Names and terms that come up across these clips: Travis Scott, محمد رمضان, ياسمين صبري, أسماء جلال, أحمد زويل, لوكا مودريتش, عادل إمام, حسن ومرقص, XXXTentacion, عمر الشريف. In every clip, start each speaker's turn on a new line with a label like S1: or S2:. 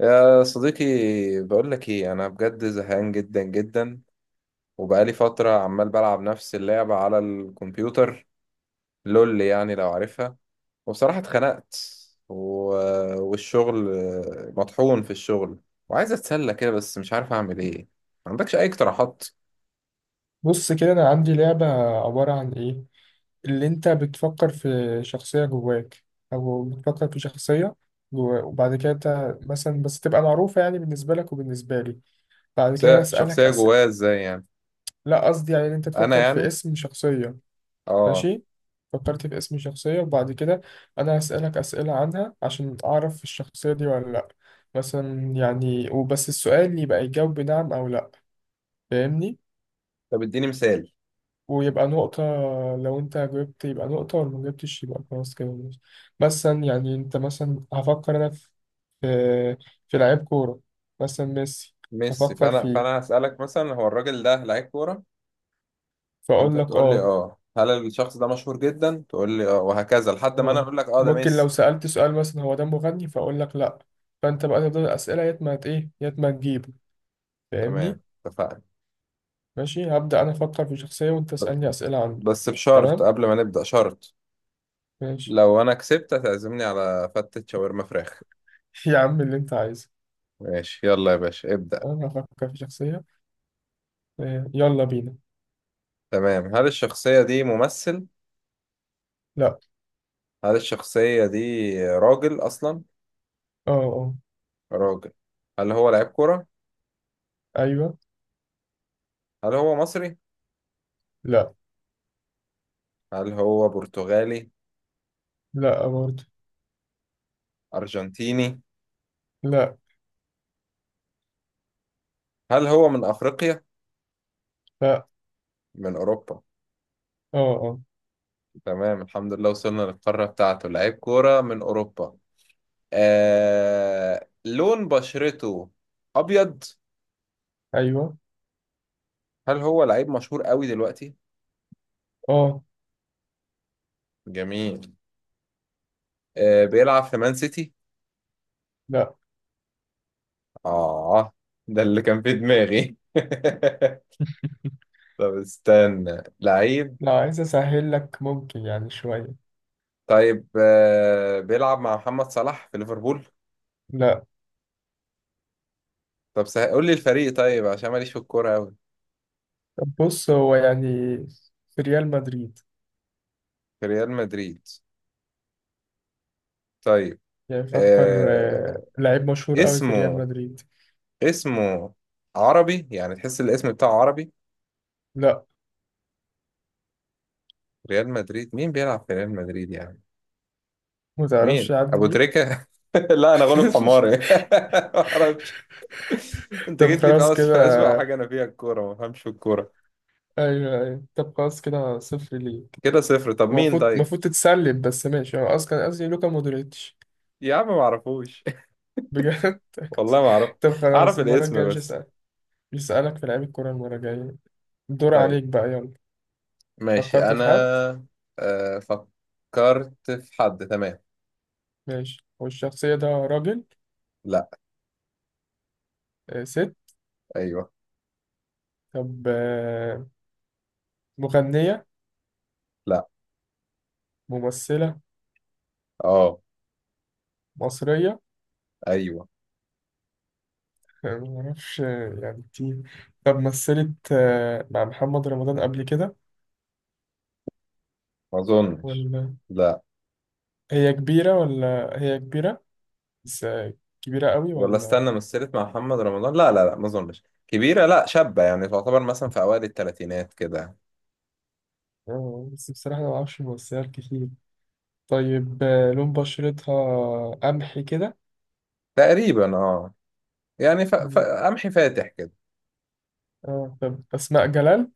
S1: يا صديقي، بقول لك ايه، انا بجد زهقان جدا جدا. وبقالي فتره عمال بلعب نفس اللعبه على الكمبيوتر، لول يعني لو عارفها. وبصراحه اتخنقت. و... والشغل، مطحون في الشغل. وعايز اتسلى كده بس مش عارف اعمل ايه. ما عندكش اي اقتراحات؟
S2: بص كده، انا عندي لعبة عبارة عن ايه؟ اللي انت بتفكر في شخصية جواك، او بتفكر في شخصية وبعد كده انت مثلا بس تبقى معروفة يعني بالنسبة لك وبالنسبة لي. بعد كده انا اسألك
S1: شخصيه
S2: اسئلة.
S1: جوايا ازاي يعني؟
S2: لا، قصدي يعني ان انت
S1: انا
S2: تفكر في
S1: يعني،
S2: اسم شخصية.
S1: اه.
S2: ماشي، فكرت في اسم شخصية وبعد كده انا هسألك اسئلة عنها عشان اعرف الشخصية دي ولا لا. مثلا يعني، وبس السؤال يبقى يجاوب بنعم او لا، فاهمني؟
S1: طب اديني مثال.
S2: ويبقى نقطة، لو أنت جبت يبقى نقطة ولو مجبتش يبقى خلاص كده بس. مثلا يعني أنت مثلا هفكر أنا في في لعيب كورة، مثلا ميسي.
S1: ميسي؟
S2: هفكر
S1: فانا
S2: فيه،
S1: فانا هسالك مثلا، هو الراجل ده لعيب كوره؟ فانت
S2: فأقول لك
S1: تقول لي
S2: آه.
S1: اه. هل الشخص ده مشهور جدا؟ تقول لي اه، وهكذا لحد ما انا
S2: آه
S1: اقول لك اه ده
S2: ممكن لو
S1: ميسي.
S2: سألت سؤال مثلا هو ده مغني، فأقول لك لأ. فأنت بقى تفضل الأسئلة، يا ما إيه، يا ما تجيبه، فاهمني؟
S1: تمام، اتفقنا.
S2: ماشي هبدأ أنا أفكر في شخصية وأنت
S1: ب-
S2: تسألني أسئلة عنه.
S1: بس بشرط،
S2: تمام.
S1: قبل ما نبدأ شرط،
S2: ماشي.
S1: لو انا كسبت هتعزمني على فتة شاورما فراخ.
S2: يا عم، اللي أنت عايزه.
S1: ماشي، يلا يا باشا ابدأ.
S2: أنا هفكر في شخصية. آه، يلا بينا.
S1: تمام. هل الشخصية دي ممثل؟
S2: لأ.
S1: هل الشخصية دي راجل اصلا؟
S2: آه، آه.
S1: راجل. هل هو لعيب كرة؟
S2: ايوه.
S1: هل هو مصري؟
S2: لا.
S1: هل هو برتغالي؟
S2: لا برضه.
S1: ارجنتيني؟
S2: لا.
S1: هل هو من افريقيا؟
S2: لا.
S1: من اوروبا؟
S2: اه، اه.
S1: تمام، الحمد لله وصلنا للقارة بتاعته. لعيب كورة من أوروبا. لون بشرته أبيض؟
S2: ايوه.
S1: هل هو لعيب مشهور قوي دلوقتي؟
S2: اه.
S1: جميل. بيلعب في مان سيتي؟
S2: لا،
S1: آه ده اللي كان في دماغي. طب استنى. لعيب؟
S2: لا عايز اسهل لك ممكن يعني شويه.
S1: طيب، بيلعب مع محمد صلاح في ليفربول؟
S2: لا.
S1: طب قول لي الفريق طيب، عشان ماليش في الكورة قوي.
S2: طب بص، هو يعني في ريال مدريد.
S1: في ريال مدريد؟ طيب.
S2: يعني فكر.
S1: آه...
S2: آه، لعيب مشهور قوي في ريال
S1: اسمه
S2: مدريد.
S1: اسمه عربي يعني؟ تحس الاسم بتاعه عربي؟
S2: لا.
S1: ريال مدريد، مين بيلعب في ريال مدريد يعني؟
S2: ما
S1: مين،
S2: تعرفش يعدي
S1: ابو
S2: بيه.
S1: تريكة؟ لا انا غلب حماري، ما اعرفش. انت
S2: طب
S1: جيت لي في
S2: خلاص
S1: في اسوأ حاجه
S2: كده.
S1: انا فيها، الكوره، ما بفهمش في الكوره.
S2: ايوه، ايوه. طب خلاص كده، صفر ليك.
S1: كده صفر. طب مين
S2: المفروض
S1: طيب؟
S2: المفروض تتسلب، بس ماشي. انا اصلا قصدي لوكا مودريتش.
S1: يا عم ما اعرفوش.
S2: بجد.
S1: والله ما اعرف.
S2: طب
S1: اعرف
S2: خلاص، المره الجايه
S1: الاسم
S2: مش
S1: بس.
S2: هسأل يسألك في لعيب الكورة. المرة الجاية الدور
S1: طيب
S2: عليك بقى، يلا.
S1: ماشي،
S2: فكرت
S1: انا
S2: في حد؟
S1: فكرت في حد، تمام.
S2: ماشي. والشخصية ده راجل؟
S1: لا.
S2: آه، ست.
S1: ايوه.
S2: طب آه، مغنية؟
S1: لا.
S2: ممثلة؟
S1: اه.
S2: مصرية؟
S1: ايوه.
S2: معرفش آه، يعني كتير. طب مثلت آه، مع محمد رمضان قبل كده؟
S1: ما اظنش.
S2: ولا؟
S1: لا.
S2: هي كبيرة بس آه، كبيرة قوي
S1: ولا
S2: ولا؟
S1: استنى، مثلت مع محمد رمضان؟ لا، لا، لا، ما اظنش كبيرة، لا شابة يعني، تعتبر مثلا في اوائل الثلاثينات كده.
S2: آه، بس بصراحة أنا معرفش ممثلات كتير. طيب آه، لون بشرتها قمحي كده؟
S1: تقريبا اه. يعني
S2: مم.
S1: قمحي فاتح كده.
S2: اه طب أسماء جلال؟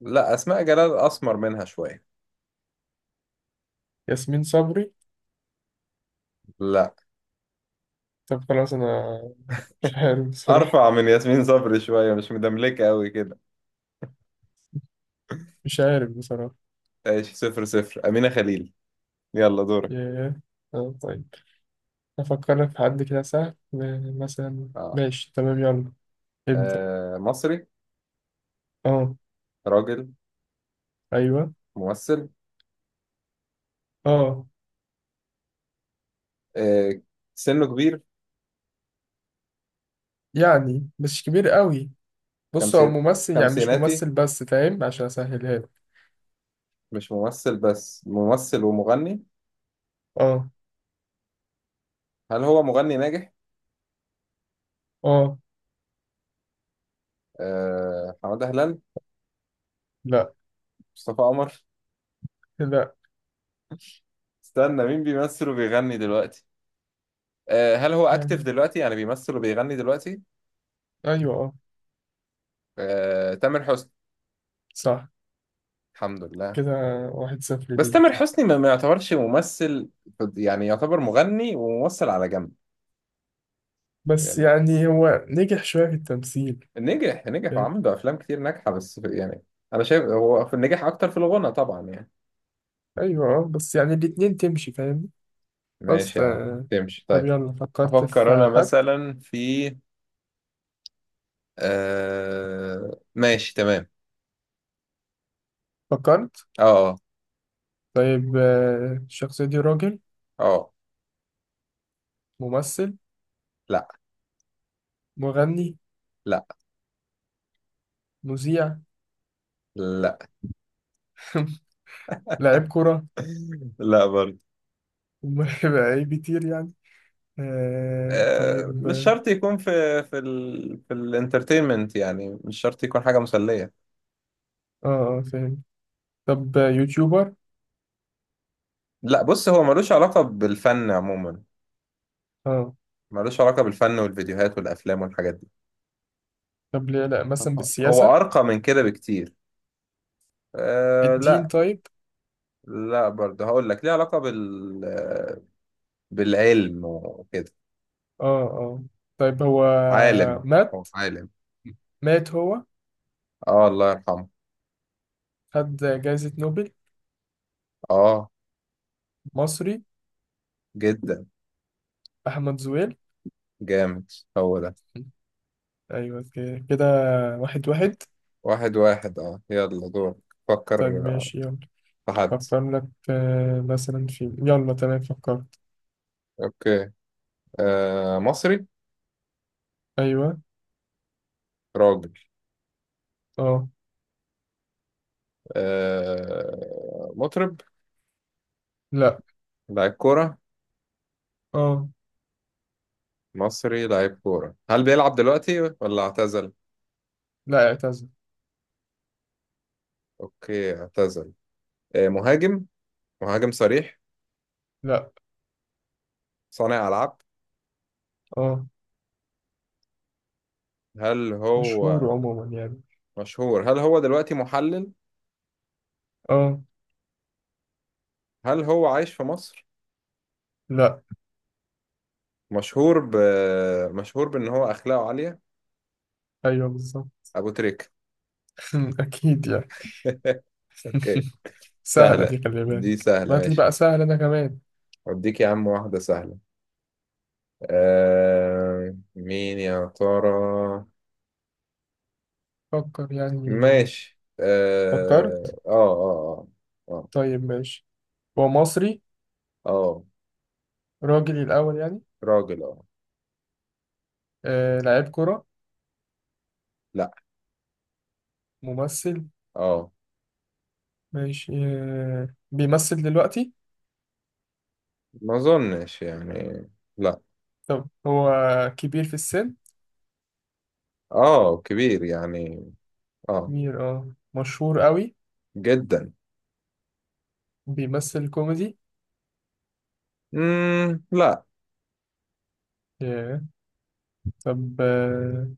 S1: لا، اسماء جلال اسمر منها شوية.
S2: ياسمين صبري؟
S1: لا.
S2: طب خلاص، انا مش عارف بصراحة
S1: ارفع من ياسمين صبري شوية، مش مدملكة قوي كده.
S2: مش عارف بصراحة.
S1: ايش؟ 0-0. امينة خليل. يلا دورك.
S2: ياه. آه طيب، أفكر لك في حد كده سهل، مثلا.
S1: اه.
S2: ماشي تمام يلا، ابدأ.
S1: مصري.
S2: اه.
S1: راجل.
S2: أيوه.
S1: ممثل.
S2: اه.
S1: آه سنه كبير؟
S2: يعني مش كبير قوي. بص، هو
S1: 50؟
S2: ممثل، يعني مش
S1: خمسيناتي؟
S2: ممثل بس، فاهم؟ عشان أسهلها لك.
S1: مش ممثل بس، ممثل ومغني.
S2: اه.
S1: هل هو مغني ناجح؟
S2: اه.
S1: حمادة هلال؟
S2: لا.
S1: مصطفى قمر؟
S2: لا،
S1: استنى، مين بيمثل وبيغني دلوقتي؟ هل هو اكتف
S2: يعني
S1: دلوقتي يعني بيمثل وبيغني دلوقتي؟
S2: أيوه، اه.
S1: تامر حسني؟
S2: صح.
S1: الحمد لله.
S2: كده واحد صفر
S1: بس تامر
S2: ليك.
S1: حسني ما يعتبرش ممثل، يعني يعتبر مغني وممثل على جنب.
S2: بس
S1: يعني
S2: يعني هو نجح شوية في التمثيل،
S1: نجح، نجح،
S2: فاهم؟
S1: وعمل له افلام كتير ناجحه بس يعني، انا شايف هو في نجح اكتر في الغنى طبعا يعني.
S2: أيوه، اه. بس يعني الاتنين تمشي، فاهم؟ خلاص.
S1: ماشي يا عم، تمشي
S2: طب
S1: طيب.
S2: يلا، فكرت
S1: افكر
S2: في
S1: انا
S2: حد؟
S1: مثلا في ماشي، تمام.
S2: فكرت.
S1: اه، اه.
S2: طيب آه، الشخصية دي راجل؟
S1: آه،
S2: ممثل؟
S1: لا،
S2: مغني؟
S1: لا،
S2: مذيع؟
S1: لا،
S2: لاعب كرة؟
S1: لا برضه.
S2: لعيب كتير يعني. آه طيب،
S1: مش
S2: اه،
S1: شرط يكون في الانترتينمنت يعني، مش شرط يكون حاجة مسلية.
S2: اه فاهم. طب آه، يوتيوبر؟
S1: لا، بص، هو ملوش علاقة بالفن عموما.
S2: اه.
S1: ملوش علاقة بالفن والفيديوهات والأفلام والحاجات دي.
S2: طب ليه لا مثلا بالسياسة؟
S1: هو أرقى من كده بكتير.
S2: الدين
S1: لا.
S2: طيب؟
S1: لا برضه، هقول لك، ليه علاقة بالعلم وكده.
S2: اه، اه. طيب هو
S1: عالم. هو
S2: مات.
S1: عالم.
S2: مات هو.
S1: اه، الله يرحمه.
S2: خد جائزة نوبل؟
S1: اه،
S2: مصري؟
S1: جدا.
S2: أحمد زويل.
S1: جامد، هو ده.
S2: أيوة كده، واحد واحد.
S1: 1-1، اه، يلا دور. فكر
S2: طيب ماشي يلا،
S1: في حد.
S2: فكر لك آه، مثلا في. يلا تمام، فكرت.
S1: اوكي. مصري.
S2: أيوة.
S1: راجل.
S2: اه.
S1: مطرب؟
S2: لا.
S1: لاعب كورة؟
S2: اه.
S1: مصري لاعب كورة، هل بيلعب دلوقتي ولا اعتزل؟
S2: لا، اعتزل.
S1: اوكي، اعتزل. مهاجم؟ مهاجم صريح؟
S2: لا.
S1: صانع ألعاب.
S2: اه.
S1: هل هو
S2: مشهور عموما يعني.
S1: مشهور؟ هل هو دلوقتي محلل؟
S2: اه.
S1: هل هو عايش في مصر؟
S2: لا.
S1: مشهور ب مشهور بأن هو أخلاقه عالية.
S2: أيوة بالظبط.
S1: أبو تريك.
S2: أكيد يعني.
S1: اوكي.
S2: سهلة دي،
S1: سهلة
S2: خلي
S1: دي،
S2: بالك
S1: سهلة
S2: بعت لي
S1: ماشي.
S2: بقى سهل أنا كمان.
S1: أديك يا عم واحدة سهلة. مين يا ترى؟
S2: فكر يعني.
S1: ماشي،
S2: فكرت.
S1: اه، اه، اه. اه،
S2: طيب ماشي، هو مصري؟
S1: اه.
S2: راجل الأول يعني.
S1: راجل، اه.
S2: آه لعيب كرة؟
S1: لا،
S2: ممثل؟
S1: اه.
S2: ماشي آه، بيمثل دلوقتي؟
S1: ما اظنش يعني، لا.
S2: طب هو كبير في السن؟
S1: اه، كبير يعني، اه.
S2: اه مشهور قوي؟
S1: جدا.
S2: بيمثل كوميدي؟
S1: لا.
S2: yeah. طب آه،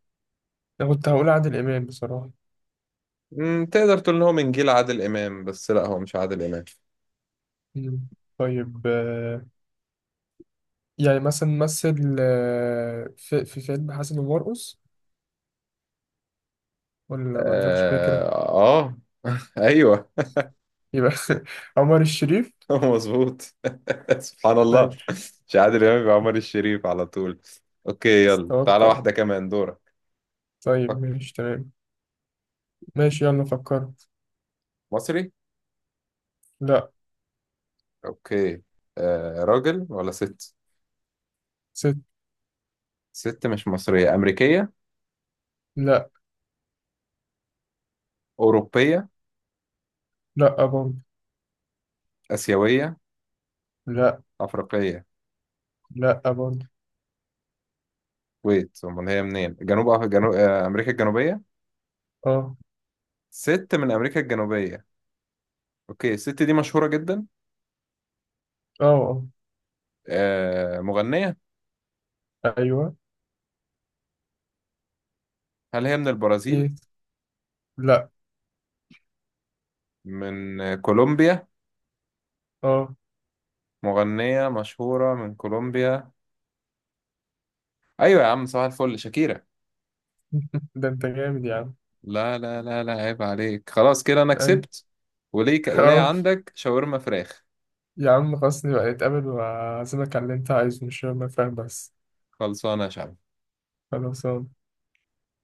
S2: انا كنت هقول عادل امام بصراحه.
S1: تقدر تقول ان هو من جيل عادل امام، بس لا، هو مش عادل امام.
S2: مم. طيب آه، يعني مثلا مثل آه، في فيلم حسن ومرقص، ولا ما عندكش فكره؟
S1: اه, آه. ايوه.
S2: يبقى عمر الشريف.
S1: مظبوط. سبحان
S2: طيب.
S1: الله. مش عادل امام يبقى عمر الشريف على طول. اوكي، يلا تعالى
S2: اتوقع.
S1: واحدة كمان، دورك.
S2: طيب ماشي تمام. ماشي يلا فكرت.
S1: مصري.
S2: لا.
S1: اوكي. راجل ولا ست؟
S2: ست.
S1: ست مش مصرية؟ أمريكية؟
S2: لا.
S1: أوروبية؟
S2: لا برضه.
S1: آسيوية؟
S2: لا.
S1: أفريقية؟
S2: لا برضه.
S1: ويت، أمال هي منين؟ جنوب أمريكا الجنوبية؟
S2: اه،
S1: ست من أمريكا الجنوبية. اوكي، الست دي مشهورة جدا؟
S2: اه،
S1: مغنية؟
S2: اه. ايوه.
S1: هل هي من البرازيل؟
S2: ايه. لا.
S1: من كولومبيا؟
S2: اه.
S1: مغنية مشهورة من كولومبيا. أيوة يا عم، صباح الفل، شاكيرا!
S2: ده انت جامد يا عم.
S1: لا، لا، لا، لا، عيب عليك، خلاص كده أنا
S2: اي.
S1: كسبت. وليك، وليه
S2: اه.
S1: عندك شاورما فراخ.
S2: يا عم، خلاص نبقى نتقابل وأعزمك على اللي انت عايزه، مش شرط، فاهم؟ بس.
S1: خلصانة يا شعب.
S2: خلاص.